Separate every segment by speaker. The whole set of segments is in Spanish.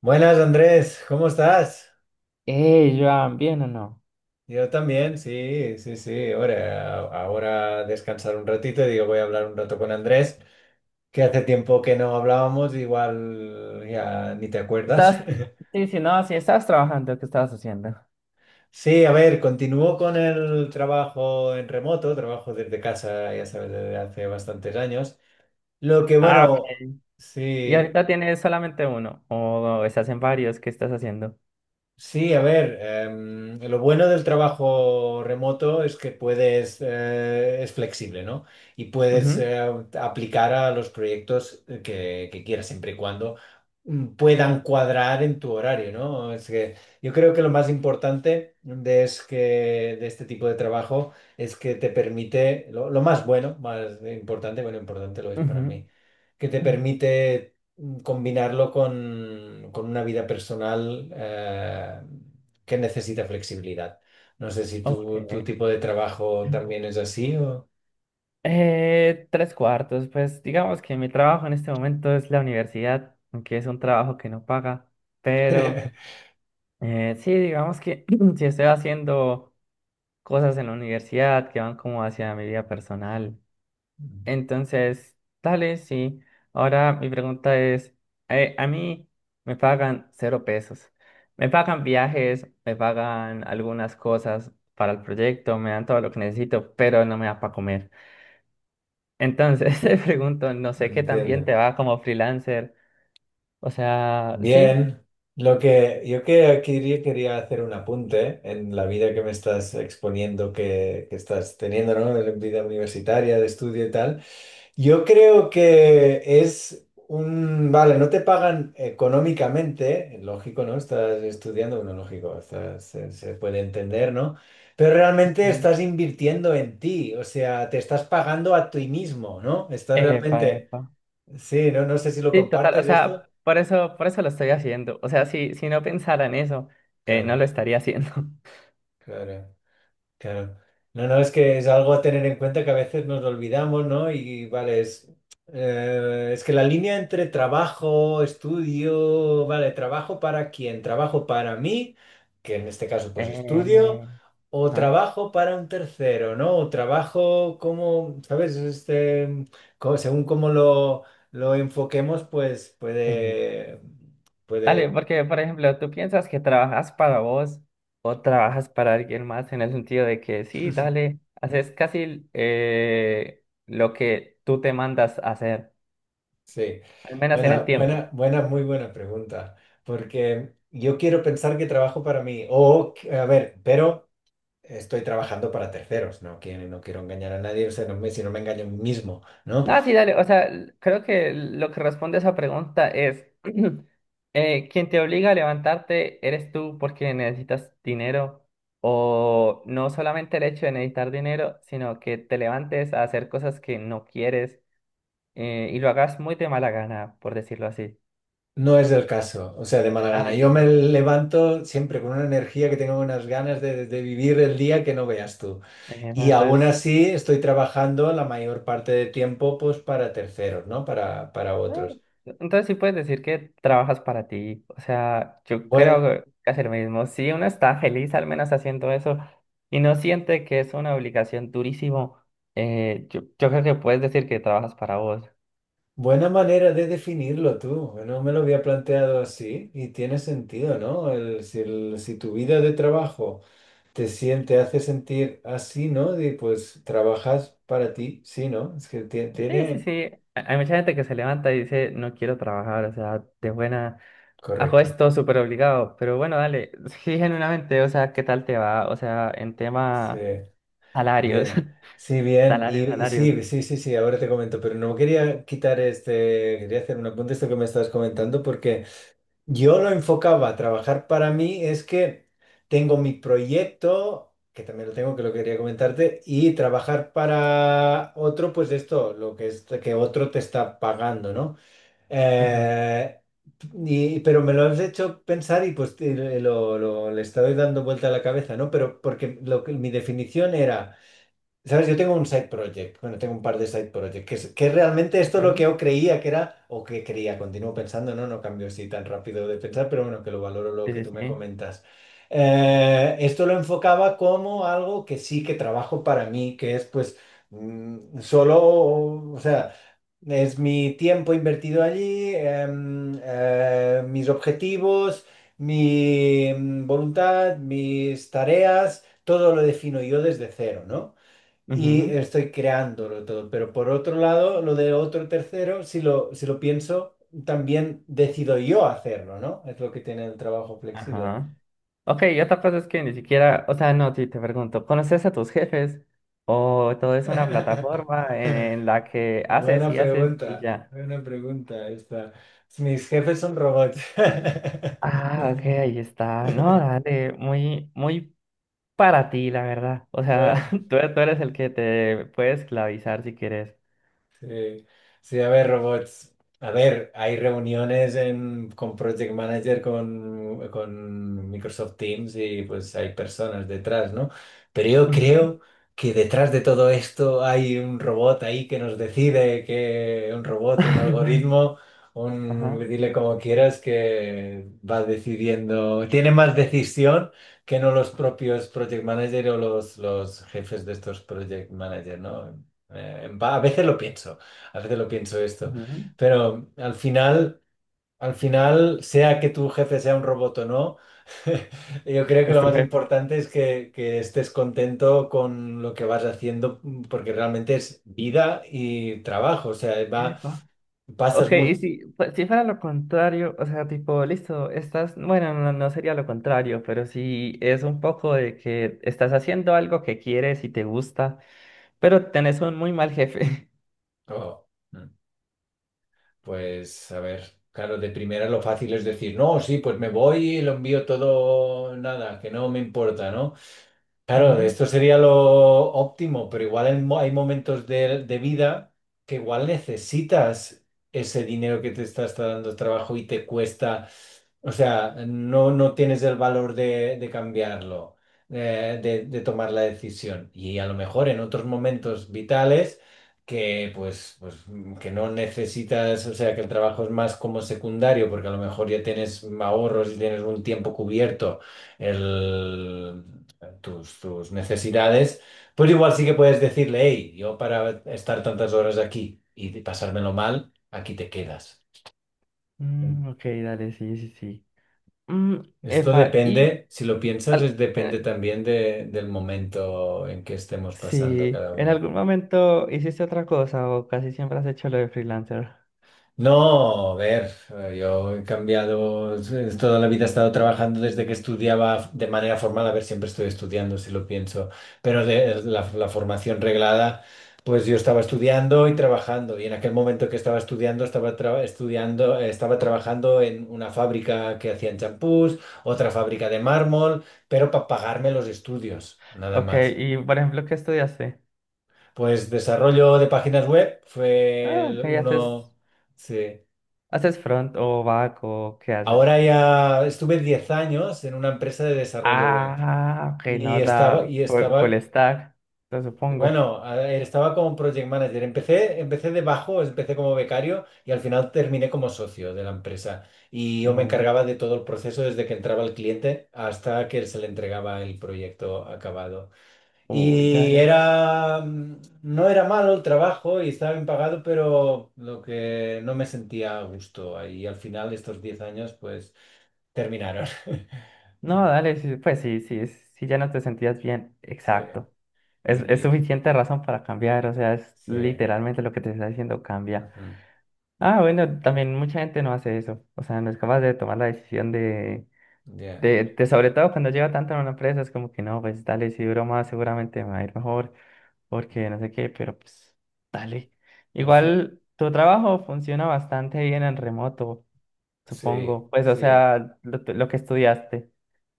Speaker 1: Buenas Andrés, ¿cómo estás?
Speaker 2: Hey, Joan, ¿bien o no?
Speaker 1: Yo también, sí, sí, sí. Ahora descansar un ratito y digo, voy a hablar un rato con Andrés, que hace tiempo que no hablábamos, igual ya ni te acuerdas.
Speaker 2: Estás, sí, sí, no, sí, estabas trabajando, ¿qué estabas haciendo?
Speaker 1: Sí, a ver, continúo con el trabajo en remoto, trabajo desde casa, ya sabes, desde hace bastantes años. Lo que
Speaker 2: Ah,
Speaker 1: bueno,
Speaker 2: ok. ¿Y
Speaker 1: sí.
Speaker 2: ahorita tienes solamente uno? ¿O estás en varios? ¿Qué estás haciendo?
Speaker 1: Sí, a ver, lo bueno del trabajo remoto es que puedes, es flexible, ¿no? Y puedes
Speaker 2: Ujú,
Speaker 1: aplicar a los proyectos que quieras, siempre y cuando puedan cuadrar en tu horario, ¿no? Es que yo creo que lo más importante de, es que, de este tipo de trabajo es que te permite, lo más bueno, más importante, bueno, importante lo es para
Speaker 2: ujú.
Speaker 1: mí, que te permite combinarlo con una vida personal que necesita flexibilidad. No sé si
Speaker 2: Ok.
Speaker 1: tu tipo de trabajo también es así o...
Speaker 2: Tres cuartos, pues digamos que mi trabajo en este momento es la universidad, aunque es un trabajo que no paga, pero sí, digamos que si estoy haciendo cosas en la universidad que van como hacia mi vida personal. Entonces, dale, sí. Ahora mi pregunta es, a mí me pagan cero pesos. Me pagan viajes, me pagan algunas cosas para el proyecto, me dan todo lo que necesito, pero no me da para comer. Entonces, te pregunto, no sé qué
Speaker 1: Entiendo.
Speaker 2: también te va como freelancer. O sea, sí.
Speaker 1: Bien. Lo que yo que aquí quería hacer un apunte en la vida que me estás exponiendo, que estás teniendo, ¿no? De la vida universitaria, de estudio y tal. Yo creo que es un... Vale, no te pagan económicamente, lógico, ¿no? Estás estudiando, bueno, lógico, estás- se puede entender, ¿no? Pero realmente
Speaker 2: Mm.
Speaker 1: estás invirtiendo en ti, o sea, te estás pagando a ti mismo, ¿no? Estás
Speaker 2: Epa,
Speaker 1: realmente...
Speaker 2: epa.
Speaker 1: Sí, no, no sé si lo
Speaker 2: Sí, total, o
Speaker 1: compartes esto.
Speaker 2: sea, por eso lo estoy haciendo. O sea, si no pensara en eso, no
Speaker 1: Claro,
Speaker 2: lo estaría haciendo.
Speaker 1: claro. Claro. No, no, es que es algo a tener en cuenta que a veces nos lo olvidamos, ¿no? Y vale, es que la línea entre trabajo, estudio, vale, trabajo para quién, trabajo para mí, que en este caso pues estudio,
Speaker 2: Eh,
Speaker 1: o
Speaker 2: ¿ah?
Speaker 1: trabajo para un tercero, ¿no? O trabajo como, ¿sabes? Este, según cómo lo enfoquemos, pues
Speaker 2: Sí.
Speaker 1: puede,
Speaker 2: Dale,
Speaker 1: puede.
Speaker 2: porque por ejemplo, tú piensas que trabajas para vos o trabajas para alguien más en el sentido de que sí, dale, haces casi lo que tú te mandas a hacer,
Speaker 1: Sí,
Speaker 2: al menos en
Speaker 1: buena,
Speaker 2: el tiempo.
Speaker 1: buena, buena, muy buena pregunta, porque yo quiero pensar que trabajo para mí, o, que- a ver, pero estoy trabajando para terceros, no quiero, no quiero engañar a nadie, o sea, no me, si no me engaño a mí mismo, ¿no?
Speaker 2: Ah, sí, dale, o sea, creo que lo que responde a esa pregunta es, quien te obliga a levantarte eres tú porque necesitas dinero o no solamente el hecho de necesitar dinero, sino que te levantes a hacer cosas que no quieres, y lo hagas muy de mala gana, por decirlo así.
Speaker 1: No es el caso, o sea, de mala
Speaker 2: Ah,
Speaker 1: gana. Yo me
Speaker 2: entonces,
Speaker 1: levanto siempre con una energía que tengo unas ganas de vivir el día que no veas tú.
Speaker 2: bueno,
Speaker 1: Y aún
Speaker 2: entonces,
Speaker 1: así estoy trabajando la mayor parte del tiempo, pues, para terceros, ¿no? Para
Speaker 2: no,
Speaker 1: otros.
Speaker 2: entonces sí puedes decir que trabajas para ti. O sea, yo creo que es el mismo. Si uno está feliz al menos haciendo eso y no siente que es una obligación durísimo, yo creo que puedes decir que trabajas para vos.
Speaker 1: Buena manera de definirlo tú. No me lo había planteado así y tiene sentido, ¿no? El- si tu vida de trabajo te siente, hace sentir así, ¿no? De, pues trabajas para ti, sí, ¿no? Es que tie-
Speaker 2: Sí, sí,
Speaker 1: tiene...
Speaker 2: sí. Hay mucha gente que se levanta y dice, no quiero trabajar, o sea, de buena... Hago
Speaker 1: Correcto.
Speaker 2: esto súper obligado, pero bueno, dale, sí, genuinamente, o sea, ¿qué tal te va? O sea, en
Speaker 1: Sí,
Speaker 2: tema salarios,
Speaker 1: bien. Sí, bien.
Speaker 2: salarios,
Speaker 1: Y
Speaker 2: salarios.
Speaker 1: sí, sí, sí, sí, ahora te comento, pero no quería quitar este, quería hacer un apunte a esto que me estás comentando porque... Yo lo enfocaba a trabajar para mí, es que tengo mi proyecto, que también lo tengo, que lo quería comentarte, y trabajar para otro, pues esto, lo que es que otro te está pagando, ¿no?
Speaker 2: Ujú,
Speaker 1: Eh, y- pero me lo has hecho pensar y pues te- le estoy dando vuelta a la cabeza, ¿no? Pero porque lo que, mi definición era. ¿Sabes? Yo tengo un side project, bueno, tengo un par de side projects, que, es- que realmente esto es lo que
Speaker 2: ujú.
Speaker 1: yo creía que era, o que creía, continúo pensando, no, no cambio así tan rápido de pensar, pero bueno, que lo valoro lo
Speaker 2: Sí,
Speaker 1: que
Speaker 2: sí,
Speaker 1: tú me
Speaker 2: sí.
Speaker 1: comentas. Esto lo enfocaba como algo que sí que trabajo para mí, que es pues solo, o sea, es mi tiempo invertido allí, mis objetivos, mi voluntad, mis tareas, todo lo defino yo desde cero, ¿no? Y
Speaker 2: Ujú,
Speaker 1: estoy creándolo todo. Pero por otro lado, lo de otro tercero, si lo pienso, también decido yo hacerlo, ¿no? Es lo que tiene el trabajo flexible.
Speaker 2: ajá. Ok, y otra cosa es que ni siquiera, o sea, no, si te pregunto, ¿conoces a tus jefes? ¿O todo es una plataforma en la que haces y haces y ya?
Speaker 1: Buena pregunta esta. Mis jefes son robots.
Speaker 2: Ah, ok, ahí está. No, dale, muy, muy para ti, la verdad. O sea,
Speaker 1: Bueno.
Speaker 2: tú eres el que te puede esclavizar si quieres.
Speaker 1: Sí, sí, a ver, robots. A ver, hay reuniones en, con Project Manager, con Microsoft Teams y pues hay personas detrás, ¿no? Pero yo
Speaker 2: Ujú.
Speaker 1: creo que detrás de todo esto hay un robot ahí que nos decide que un robot, un algoritmo, un,
Speaker 2: Ajá.
Speaker 1: dile como quieras, que va decidiendo, tiene más decisión que no los propios Project Manager o los jefes de estos Project Manager, ¿no? Va, a veces lo pienso, a veces lo pienso esto,
Speaker 2: Ujú.
Speaker 1: pero al final, sea que tu jefe sea un robot o no, yo creo que
Speaker 2: Es
Speaker 1: lo
Speaker 2: tu
Speaker 1: más importante es que estés contento con lo que vas haciendo, porque realmente es vida y trabajo, o sea, va,
Speaker 2: jefe.
Speaker 1: pasas
Speaker 2: Ok, y
Speaker 1: mucho...
Speaker 2: si, pues, si fuera lo contrario, o sea, tipo, listo, estás, bueno, no, no sería lo contrario, pero sí es un poco de que estás haciendo algo que quieres y te gusta, pero tenés un muy mal jefe.
Speaker 1: Oh, mm. Pues, a ver, claro, de primera lo fácil es decir, no, sí, pues me voy y lo envío todo, nada, que no me importa, ¿no? Claro,
Speaker 2: Ujú.
Speaker 1: esto sería lo óptimo, pero igual hay hay momentos de vida que igual necesitas ese dinero que te está, está dando el trabajo y te cuesta, o sea, no, no tienes el valor de cambiarlo, de tomar la decisión. Y a lo mejor en otros momentos vitales que pues, pues que no necesitas, o sea, que el trabajo es más como secundario, porque a lo mejor ya tienes ahorros y tienes un tiempo cubierto. El, tus necesidades, pues igual sí que puedes decirle, hey, yo para estar tantas horas aquí y de pasármelo mal, aquí te quedas.
Speaker 2: Mm, ok, dale, sí, sí, sí. Mm,
Speaker 1: Esto
Speaker 2: epa, y
Speaker 1: depende, si lo piensas, es
Speaker 2: al-
Speaker 1: depende
Speaker 2: eh,
Speaker 1: también de- del momento en que estemos pasando
Speaker 2: sí,
Speaker 1: cada
Speaker 2: ¿en
Speaker 1: uno.
Speaker 2: algún momento hiciste otra cosa o casi siempre has hecho lo de freelancer?
Speaker 1: No, a ver, yo he cambiado, toda la vida he estado trabajando desde que estudiaba de manera formal, a ver, siempre estoy estudiando, si lo pienso, pero de la formación reglada, pues yo estaba estudiando y trabajando, y en aquel momento que estaba estudiando, estudiando, estaba trabajando en una fábrica que hacían champús, otra fábrica de mármol, pero para pagarme los estudios, nada
Speaker 2: Ok,
Speaker 1: más.
Speaker 2: y por ejemplo, ¿qué estudiaste?
Speaker 1: Pues desarrollo de páginas web fue
Speaker 2: Ah,
Speaker 1: el
Speaker 2: ok, haces,
Speaker 1: uno, sí.
Speaker 2: haces front o back o ¿qué haces?
Speaker 1: Ahora ya estuve 10 años en una empresa de desarrollo web
Speaker 2: Ah, ok, no da
Speaker 1: y
Speaker 2: full, full
Speaker 1: estaba,
Speaker 2: stack, lo supongo.
Speaker 1: bueno, a- estaba como project manager. Empecé, empecé de bajo, empecé como becario y al final terminé como socio de la empresa. Y yo me
Speaker 2: Uy,
Speaker 1: encargaba de todo el proceso desde que entraba el cliente hasta que se le entregaba el proyecto acabado.
Speaker 2: uy,
Speaker 1: Y
Speaker 2: dale.
Speaker 1: era, no era malo el trabajo y estaba bien pagado, pero lo que no me sentía a gusto ahí. Y al final, estos 10 años, pues... Terminaron.
Speaker 2: No,
Speaker 1: Vale,
Speaker 2: dale, sí, pues sí, sí, sí, ya no te sentías bien.
Speaker 1: sí.
Speaker 2: Exacto. Es
Speaker 1: Y
Speaker 2: suficiente razón para cambiar, o sea, es
Speaker 1: sí.
Speaker 2: literalmente lo que te está diciendo, cambia.
Speaker 1: Ujú,
Speaker 2: Ah, bueno,
Speaker 1: sí.
Speaker 2: también mucha gente no hace eso, o sea, no es capaz de tomar la decisión
Speaker 1: Ya.
Speaker 2: de sobre todo cuando lleva tanto en una empresa, es como que no, pues dale, si duro más, seguramente me va a ir mejor, porque no sé qué, pero pues dale.
Speaker 1: Al fin.
Speaker 2: Igual tu trabajo funciona bastante bien en remoto,
Speaker 1: Sí,
Speaker 2: supongo. Pues o
Speaker 1: sí,
Speaker 2: sea, lo que estudiaste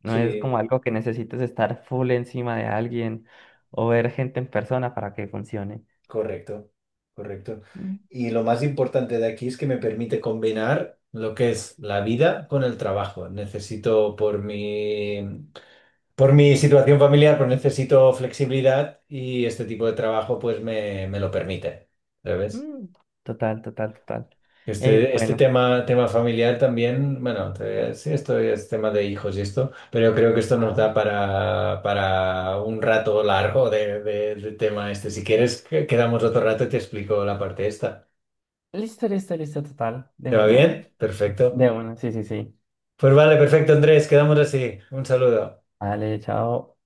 Speaker 2: no es
Speaker 1: sí.
Speaker 2: como algo que necesites estar full encima de alguien o ver gente en persona para que funcione.
Speaker 1: Correcto. Correcto.
Speaker 2: Mm,
Speaker 1: Y lo más importante de aquí es que me permite combinar lo que es la vida con el trabajo. Necesito por mi situación familiar, pues necesito flexibilidad y este tipo de trabajo pues me lo permite. ¿Sabes?
Speaker 2: mm, total, total, total.
Speaker 1: Este
Speaker 2: Bueno.
Speaker 1: tema, tema familiar también, bueno, te- sí, esto es tema de hijos y esto, pero yo creo que esto nos
Speaker 2: Ajá.
Speaker 1: da para un rato largo de tema este. Si quieres, que- quedamos otro rato y te explico la parte esta.
Speaker 2: Listo, listo, listo, total. De
Speaker 1: ¿Te va
Speaker 2: una.
Speaker 1: bien? Perfecto.
Speaker 2: De una, sí, sí, sí.
Speaker 1: Pues vale, perfecto, Andrés, quedamos así. Un saludo.
Speaker 2: Dale, chao.